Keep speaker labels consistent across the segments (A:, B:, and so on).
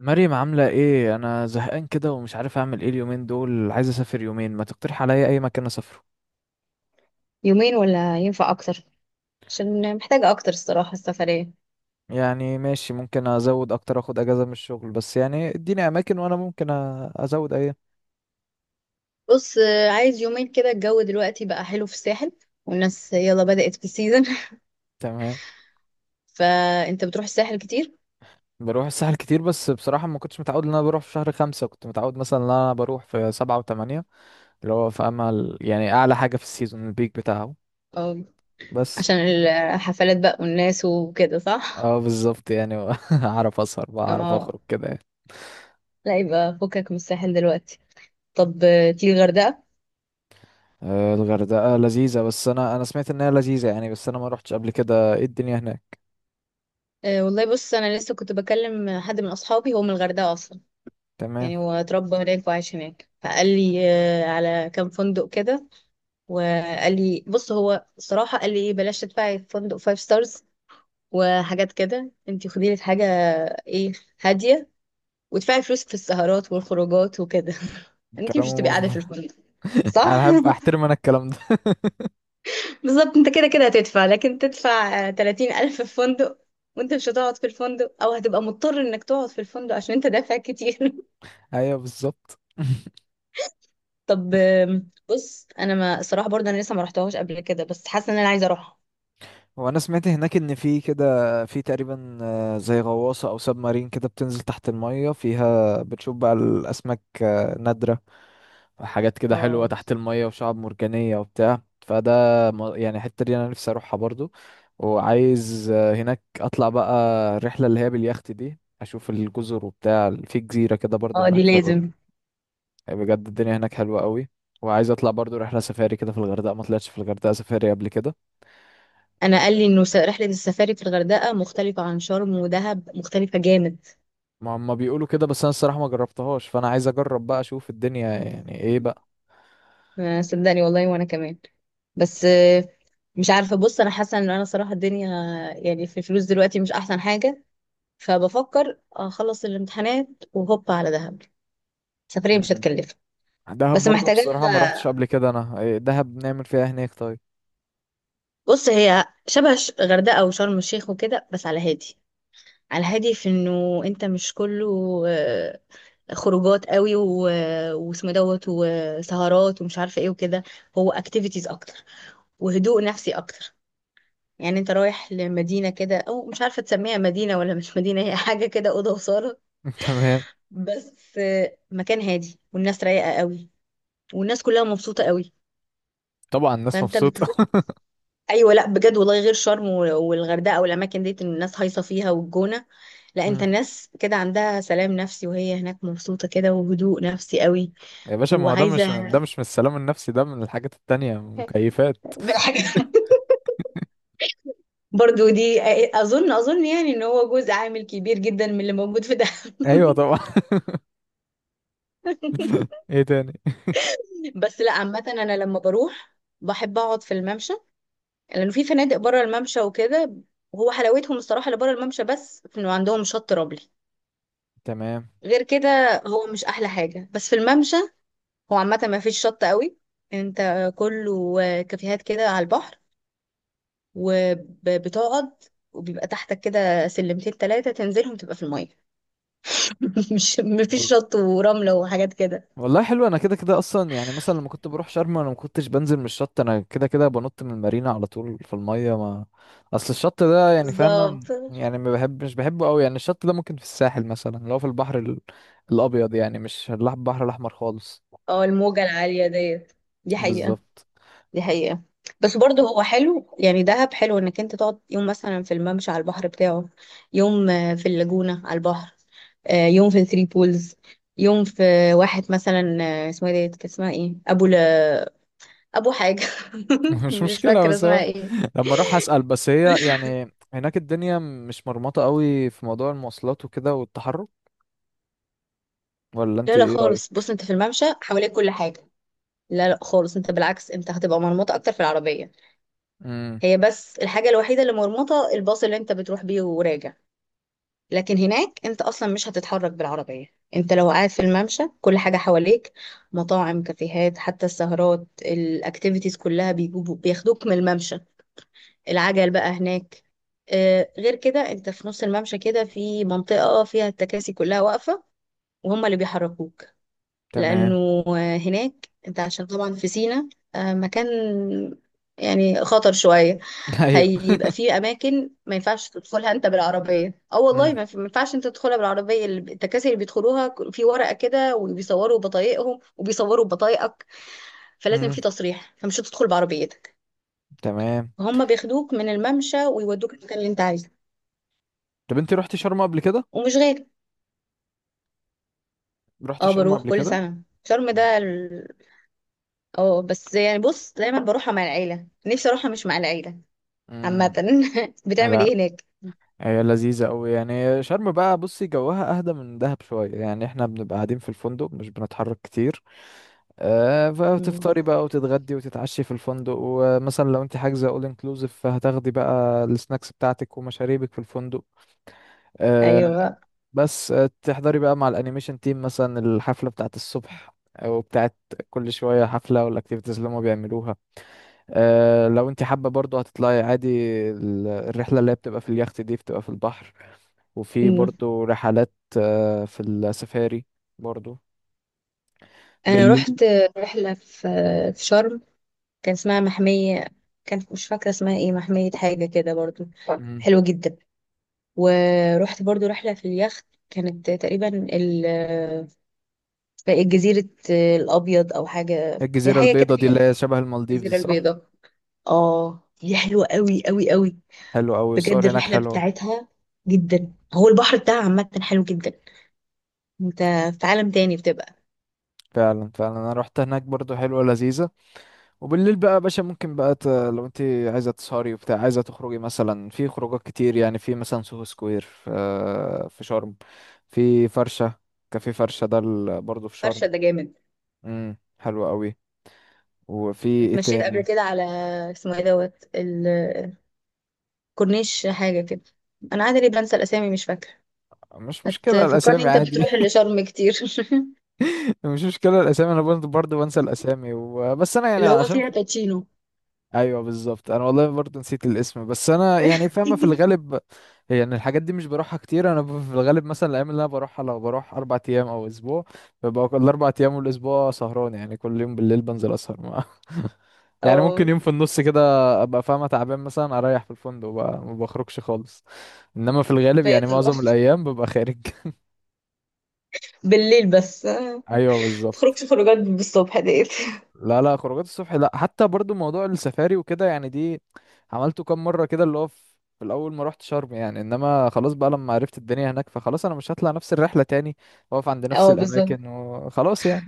A: مريم عاملة ايه؟ انا زهقان كده ومش عارف اعمل ايه اليومين دول. عايز اسافر يومين. ما تقترح عليا اي مكان اسافره؟
B: يومين، ولا ينفع اكتر؟ عشان محتاجة اكتر الصراحة السفرية.
A: يعني ماشي، ممكن ازود اكتر، اخد اجازة من الشغل، بس يعني اديني اماكن وانا ممكن ازود. ايه؟
B: بص، عايز يومين كده. الجو دلوقتي بقى حلو في الساحل والناس يلا بدأت في السيزون.
A: تمام.
B: فانت بتروح الساحل كتير؟
A: بروح الساحل كتير بس بصراحة ما كنتش متعود ان انا بروح في شهر 5، كنت متعود مثلا ان انا بروح في 7 و8، اللي هو في امل، يعني اعلى حاجة في السيزون، البيك بتاعه.
B: اه.
A: بس.
B: عشان الحفلات بقى والناس وكده، صح.
A: اه بالظبط يعني. اعرف اسهر بقى، اعرف
B: اه.
A: اخرج كده يعني.
B: لا، يبقى فكك من الساحل دلوقتي. طب تيجي الغردقة.
A: الغردقة لذيذة، بس أنا سمعت إنها لذيذة يعني، بس أنا ما روحتش قبل كده. إيه الدنيا هناك؟
B: والله بص انا لسه كنت بكلم حد من اصحابي، هو من الغردقة اصلا.
A: تمام.
B: يعني هو اتربى هناك وعايش هناك، فقال لي على كام فندق كده. وقال لي بص، هو الصراحه قال لي بلاش تدفعي في فندق فايف ستارز وحاجات كده. انت خدي لك حاجه ايه هاديه وادفعي فلوسك في السهرات والخروجات وكده. انت مش
A: كلامه
B: هتبقي قاعده في
A: مظبوط.
B: الفندق. صح.
A: أنا أحب أحترم أنا الكلام ده.
B: بالظبط، انت كده كده هتدفع. لكن تدفع 30,000 في فندق وانت مش هتقعد في الفندق، او هتبقى مضطر انك تقعد في الفندق عشان انت دافع كتير.
A: أيوه بالظبط.
B: طب بص، انا ما الصراحه برضه انا لسه ما رحتهاش قبل كده، بس حاسه ان انا عايزه اروحها.
A: وأنا سمعت هناك إن في كده، في تقريبا زي غواصة أو سب مارين كده بتنزل تحت المية، فيها بتشوف بقى الأسماك نادرة، حاجات كده حلوة
B: اه.
A: تحت المية وشعب مرجانية وبتاع فده. يعني الحتة دي أنا نفسي أروحها برضو. وعايز هناك أطلع بقى الرحلة اللي هي باليخت دي، أشوف الجزر وبتاع، في جزيرة كده برضو
B: اه، دي
A: هناك في
B: لازم.
A: بجد الدنيا هناك حلوة قوي. وعايز أطلع برضو رحلة سفاري كده في الغردقة، ما طلعتش في الغردقة سفاري قبل كده.
B: انا قال لي انه رحله السفاري في الغردقه مختلفه عن شرم ودهب، مختلفه جامد.
A: ما هم بيقولوا كده، بس أنا الصراحة ما جربتهاش، فأنا عايز أجرب بقى أشوف الدنيا يعني إيه بقى.
B: صدقني والله وانا كمان. بس مش عارفه. بص انا حاسه ان انا صراحه الدنيا يعني في الفلوس دلوقتي مش احسن حاجه، فبفكر اخلص الامتحانات وهوب على دهب. سفريه مش
A: مم.
B: هتكلف.
A: دهب
B: بس
A: برضو
B: محتاجه
A: بصراحة ما روحتش قبل كده. أنا دهب نعمل فيها إيه هناك طيب؟
B: بص، هي شبه غردقه وشرم الشيخ وكده، بس على هادي في انه انت مش كله آه، خروجات قوي واسمه دوت وسهرات ومش عارفه ايه وكده. هو اكتيفيتيز اكتر وهدوء نفسي اكتر. يعني انت رايح لمدينه كده، او مش عارفه تسميها مدينه ولا مش مدينه، هي حاجه كده، اوضه وصاله.
A: تمام.
B: بس مكان هادي والناس رايقه قوي والناس كلها مبسوطه قوي.
A: طبعا الناس
B: فانت بتروح.
A: مبسوطة.
B: ايوه، لا بجد والله، غير شرم والغردقه والاماكن ديت إن الناس هايصه فيها والجونه. لا، انت
A: مم.
B: الناس كده عندها سلام نفسي، وهي هناك مبسوطه كده وهدوء نفسي قوي.
A: يا باشا ما هو ده مش ده
B: وعايزه.
A: مش من السلام النفسي، ده من الحاجات التانية، مكيفات.
B: بالحاجه برضو دي. اظن يعني ان هو جزء عامل كبير جدا من اللي موجود في دهب.
A: ايوه طبعا. ايه تاني؟
B: بس لا، عامه انا لما بروح بحب اقعد في الممشى، لانه في فنادق بره الممشى وكده. هو حلاوتهم الصراحه اللي بره الممشى بس في انه عندهم شط رملي.
A: تمام.
B: غير كده هو مش احلى حاجه بس في الممشى. هو عامه ما فيش شط قوي. انت كله كافيهات كده على البحر، وبتقعد وبيبقى تحتك كده سلمتين تلاتة تنزلهم تبقى في المية. مش مفيش
A: وال-
B: شط ورملة وحاجات كده.
A: والله حلو، انا كده كده اصلا يعني. مثلا لما كنت بروح شرم انا ما كنتش بنزل من الشط، انا كده كده بنط من المارينا على طول في المية. ما اصل الشط ده، يعني
B: بالظبط.
A: فاهمة، يعني ما بحب مش بحبه قوي يعني. الشط ده ممكن في الساحل مثلا اللي هو في البحر الابيض، يعني مش البحر الاحمر خالص.
B: اه، الموجة العالية ديت، دي حقيقة.
A: بالظبط.
B: دي حقيقة. بس برضه هو حلو. يعني دهب حلو انك انت تقعد يوم مثلا في الممشى على البحر بتاعه، يوم في اللاجونة على البحر، يوم في الثري بولز، يوم في واحد مثلا اسمها ايه ديت، كان اسمها ايه ابو حاجة.
A: مش
B: مش
A: مشكلة،
B: فاكرة
A: بس هو
B: اسمها ايه.
A: لما اروح اسال. بس هي يعني هناك الدنيا مش مرمطه قوي في موضوع المواصلات وكده والتحرك؟ ولا انت
B: لا لا
A: ايه
B: خالص،
A: رايك؟
B: بص انت في الممشى حواليك كل حاجة. لا لا خالص، انت بالعكس انت هتبقى مرمطة اكتر في العربية.
A: امم.
B: هي بس الحاجة الوحيدة اللي مرمطة الباص اللي انت بتروح بيه وراجع. لكن هناك انت اصلا مش هتتحرك بالعربية. انت لو قاعد في الممشى كل حاجة حواليك: مطاعم، كافيهات، حتى السهرات، الاكتيفيتيز كلها بيجوا بياخدوك من الممشى. العجل بقى هناك. غير كده انت في نص الممشى كده في منطقة فيها التكاسي كلها واقفة، وهم اللي بيحركوك.
A: تمام.
B: لأنه هناك أنت عشان طبعا في سينا مكان يعني خطر شوية.
A: ايوه.
B: هيبقى فيه أماكن ما ينفعش تدخلها أنت بالعربية. أه والله
A: امم.
B: ما ينفعش أنت تدخلها بالعربية. التكاسي اللي بيدخلوها في ورقة كده وبيصوروا بطايقهم وبيصوروا بطايقك، فلازم
A: امم.
B: في تصريح. فمش هتدخل بعربيتك.
A: تمام.
B: فهم بياخدوك من الممشى ويودوك المكان اللي أنت عايزه.
A: طب انت رحت شرم قبل كده؟
B: ومش غالي.
A: رحت
B: أه
A: شرم
B: بروح
A: قبل
B: كل
A: كده؟
B: سنة شرم ده اه بس يعني بص، دايما بروحها مع العيلة، نفسي اروحها مش مع العيلة. عامة.
A: امم.
B: بتعمل
A: لا،
B: ايه هناك؟
A: هي لذيذة أوي يعني. شرم بقى بصي جواها أهدى من دهب شوية، يعني احنا بنبقى قاعدين في الفندق، مش بنتحرك كتير.
B: مم.
A: فتفطري بقى وتتغدي وتتعشي في الفندق، ومثلا لو انت حاجزه اول انكلوزيف فهتاخدي بقى السناكس بتاعتك ومشاريبك في الفندق. آه.
B: ايوه.
A: بس تحضري بقى مع الانيميشن تيم مثلا الحفله بتاعت الصبح او بتاعت، كل شويه حفله والاكتيفيتيز اللي هما بيعملوها. لو انت حابه برضو هتطلعي عادي. الرحله اللي هي بتبقى في اليخت دي بتبقى في البحر، وفي
B: مم.
A: برضو رحلات في السفاري برضو
B: انا
A: بالليل.
B: رحت رحلة في شرم، كان اسمها محمية. كانت مش فاكرة اسمها ايه، محمية حاجة كده برضو.
A: مم.
B: حلوة جدا. ورحت برضو رحلة في اليخت كانت تقريبا جزيرة الأبيض أو حاجة. هي
A: الجزيره
B: حاجة كده
A: البيضاء دي اللي
B: فيها
A: هي شبه المالديفز،
B: الجزيرة
A: صح؟
B: البيضاء. اه دي حلوة قوي قوي قوي.
A: حلو أوي،
B: بجد
A: الصور هناك
B: الرحلة
A: حلوة.
B: بتاعتها جدا. هو البحر بتاعها عامة حلو جدا. انت في عالم تاني بتبقى.
A: فعلا فعلا، انا رحت هناك برضو، حلوة لذيذة. وبالليل بقى يا باشا ممكن بقى لو انت عايزة تسهري وبتاع، عايزة تخرجي مثلا في خروجات كتير يعني، في مثلا سوهو سكوير في شرم، في فرشة، كافيه فرشة ده برضو في شرم.
B: فرشة ده جامد.
A: امم. حلو أوي. وفي ايه
B: اتمشيت قبل
A: تاني؟
B: كده على اسمه ايه دوت الكورنيش، حاجة كده. انا عادي ليه بنسى الاسامي، مش فاكرة.
A: مش مشكلة
B: هتفكرني
A: الأسامي
B: انت
A: عادي.
B: بتروح اللي شرم كتير.
A: مش مشكلة الأسامي، أنا برضو بنسى الأسامي، وبس أنا يعني
B: اللي هو
A: عشان.
B: فيها باتشينو.
A: ايوه بالظبط، انا والله برضه نسيت الاسم، بس انا يعني فاهمه في الغالب. يعني الحاجات دي مش بروحها كتير، انا في الغالب مثلا الايام اللي انا بروحها، لو بروح 4 ايام او اسبوع، ببقى كل 4 ايام والاسبوع سهران يعني، كل يوم بالليل بنزل اسهر مع يعني
B: اه.
A: ممكن يوم في النص كده ابقى فاهمه تعبان، مثلا اريح في الفندق بقى، ما بخرجش خالص. انما في الغالب
B: فيا
A: يعني
B: طبعا
A: معظم الايام ببقى خارج.
B: بالليل، بس ما
A: ايوه بالظبط.
B: تخرجش خروجات بالصبح ديت.
A: لا لا، خروجات الصبح لا، حتى برضو موضوع السفاري وكده يعني، دي عملته كام مرة كده اللي هو في الأول ما رحت شرم يعني، إنما خلاص بقى لما عرفت الدنيا هناك فخلاص، أنا مش هطلع نفس الرحلة تاني وأقف عند نفس
B: اه بالظبط،
A: الأماكن وخلاص يعني.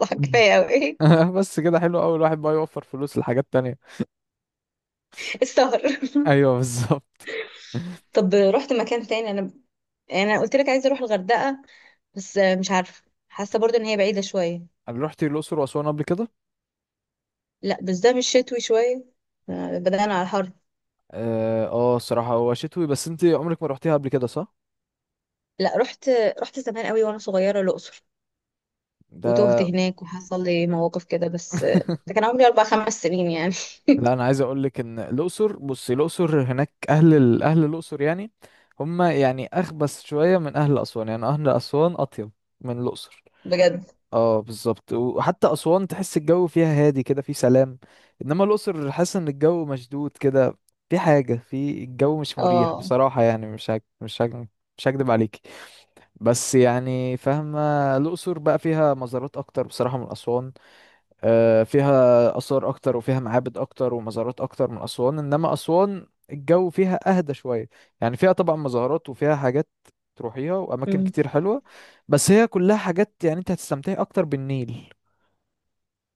B: صح، كفاية اوي.
A: بس كده حلو أوي، الواحد بقى يوفر فلوس لحاجات تانية.
B: السهر.
A: أيوه بالظبط.
B: طب رحت مكان تاني انا، يعني انا قلت لك عايزة اروح الغردقة بس مش عارفة. حاسة برضو ان هي بعيدة شوية.
A: أنا رحت الأقصر وأسوان قبل كده.
B: لا، بس ده مش شتوي شوية؟ بدأنا على الحر.
A: اه الصراحة هو شتوي، بس أنت عمرك ما رحتيها قبل كده، صح؟
B: لا رحت زمان قوي وانا صغيرة الأقصر، وتوهت
A: ده.
B: هناك وحصل لي مواقف كده. بس ده كان عمري 4-5 سنين يعني.
A: لا، انا عايز اقول لك ان الاقصر، بصي، الاقصر هناك اهل اهل الاقصر يعني هم يعني اخبث شويه من اهل اسوان، يعني اهل اسوان اطيب من الاقصر.
B: بجد.
A: اه بالظبط. وحتى اسوان تحس الجو فيها هادي كده، في سلام. انما الاقصر حاسس ان الجو مشدود كده، في حاجه في الجو مش مريح
B: اه.
A: بصراحه يعني، مش هكدب عليكي، بس يعني فاهمه. الاقصر بقى فيها مزارات اكتر بصراحه من اسوان. فيها آثار أكتر وفيها معابد أكتر ومزارات أكتر من أسوان. إنما أسوان الجو فيها أهدى شوية، يعني فيها طبعا مزارات وفيها حاجات تروحيها وأماكن
B: أمم.
A: كتير حلوة، بس هي كلها حاجات يعني. أنت هتستمتعي أكتر بالنيل،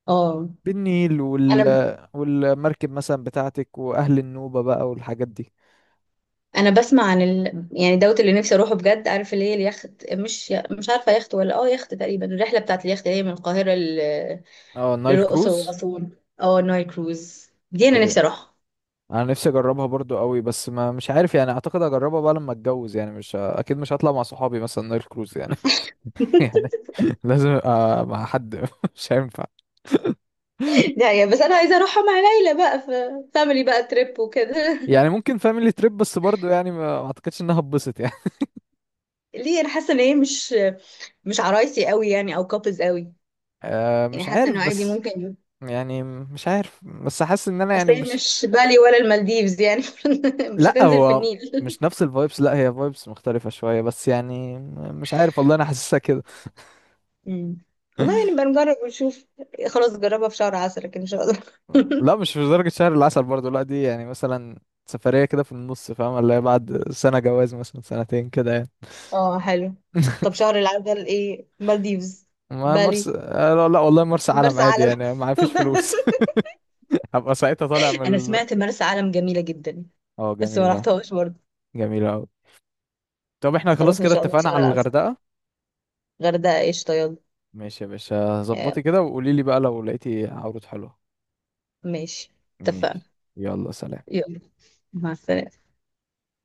B: اه
A: بالنيل وال...
B: انا
A: والمركب مثلا بتاعتك وأهل النوبة بقى والحاجات دي.
B: انا بسمع عن يعني دوت اللي نفسي اروحه بجد. عارف اللي هي اليخت مش عارفه يخت ولا يخت تقريبا. الرحله بتاعت اليخت اللي هي من القاهره
A: اه، نايل
B: للاقصر
A: كروز.
B: واسوان. اه النايل كروز دي انا
A: ايوه،
B: نفسي اروحها.
A: انا نفسي اجربها برضو قوي، بس ما مش عارف يعني، اعتقد اجربها بقى لما اتجوز يعني، مش ه- اكيد مش هطلع مع صحابي مثلا نايل كروز يعني. يعني لازم ابقى مع حد. مش هينفع.
B: لا يا، بس انا عايزه اروحها مع ليلى بقى، فاميلي بقى تريب وكده.
A: يعني ممكن فاميلي تريب بس برضو يعني ما اعتقدش انها اتبسط يعني.
B: ليه؟ انا حاسه ان هي مش عرايسي قوي يعني، او كابلز قوي.
A: أه
B: يعني
A: مش
B: حاسه
A: عارف
B: انه عادي
A: بس،
B: ممكن.
A: يعني مش عارف، بس حاسس ان انا يعني
B: اصل هي
A: مش.
B: مش بالي ولا المالديفز يعني. مش
A: لا
B: هتنزل في
A: هو
B: النيل.
A: مش نفس الفايبس، لا هي فايبس مختلفة شوية بس يعني، مش عارف والله، انا حاسسها كده.
B: مم. والله يعني بنجرب ونشوف. خلاص جربها في شهر عسل، لكن مش هقدر.
A: لا مش في درجة شهر العسل برضو، لا دي يعني مثلا سفرية كده في النص، فاهم، اللي هي بعد سنة جواز مثلا سنتين كده يعني.
B: اه حلو. طب شهر العسل ايه؟ مالديفز؟
A: ما مرسى
B: بالي؟
A: لا لا، والله مرسى علم
B: مرسى
A: عادي
B: علم؟
A: يعني، ما فيش فلوس. هبقى ساعتها طالع
B: انا
A: من.
B: سمعت مرسى علم جميله جدا
A: اه
B: بس ما
A: جميلة.
B: رحتهاش برضه.
A: جميلة أوي. طب احنا خلاص
B: خلاص ان
A: كده
B: شاء الله في
A: اتفقنا
B: شهر
A: على
B: العسل.
A: الغردقة.
B: غردقه ايش طيب.
A: ماشي يا باشا،
B: آه،
A: ظبطي كده وقولي لي بقى لو لقيتي عروض حلوة.
B: ماشي. اتفقنا.
A: ماشي. يلا سلام.
B: يلا، مع السلامه.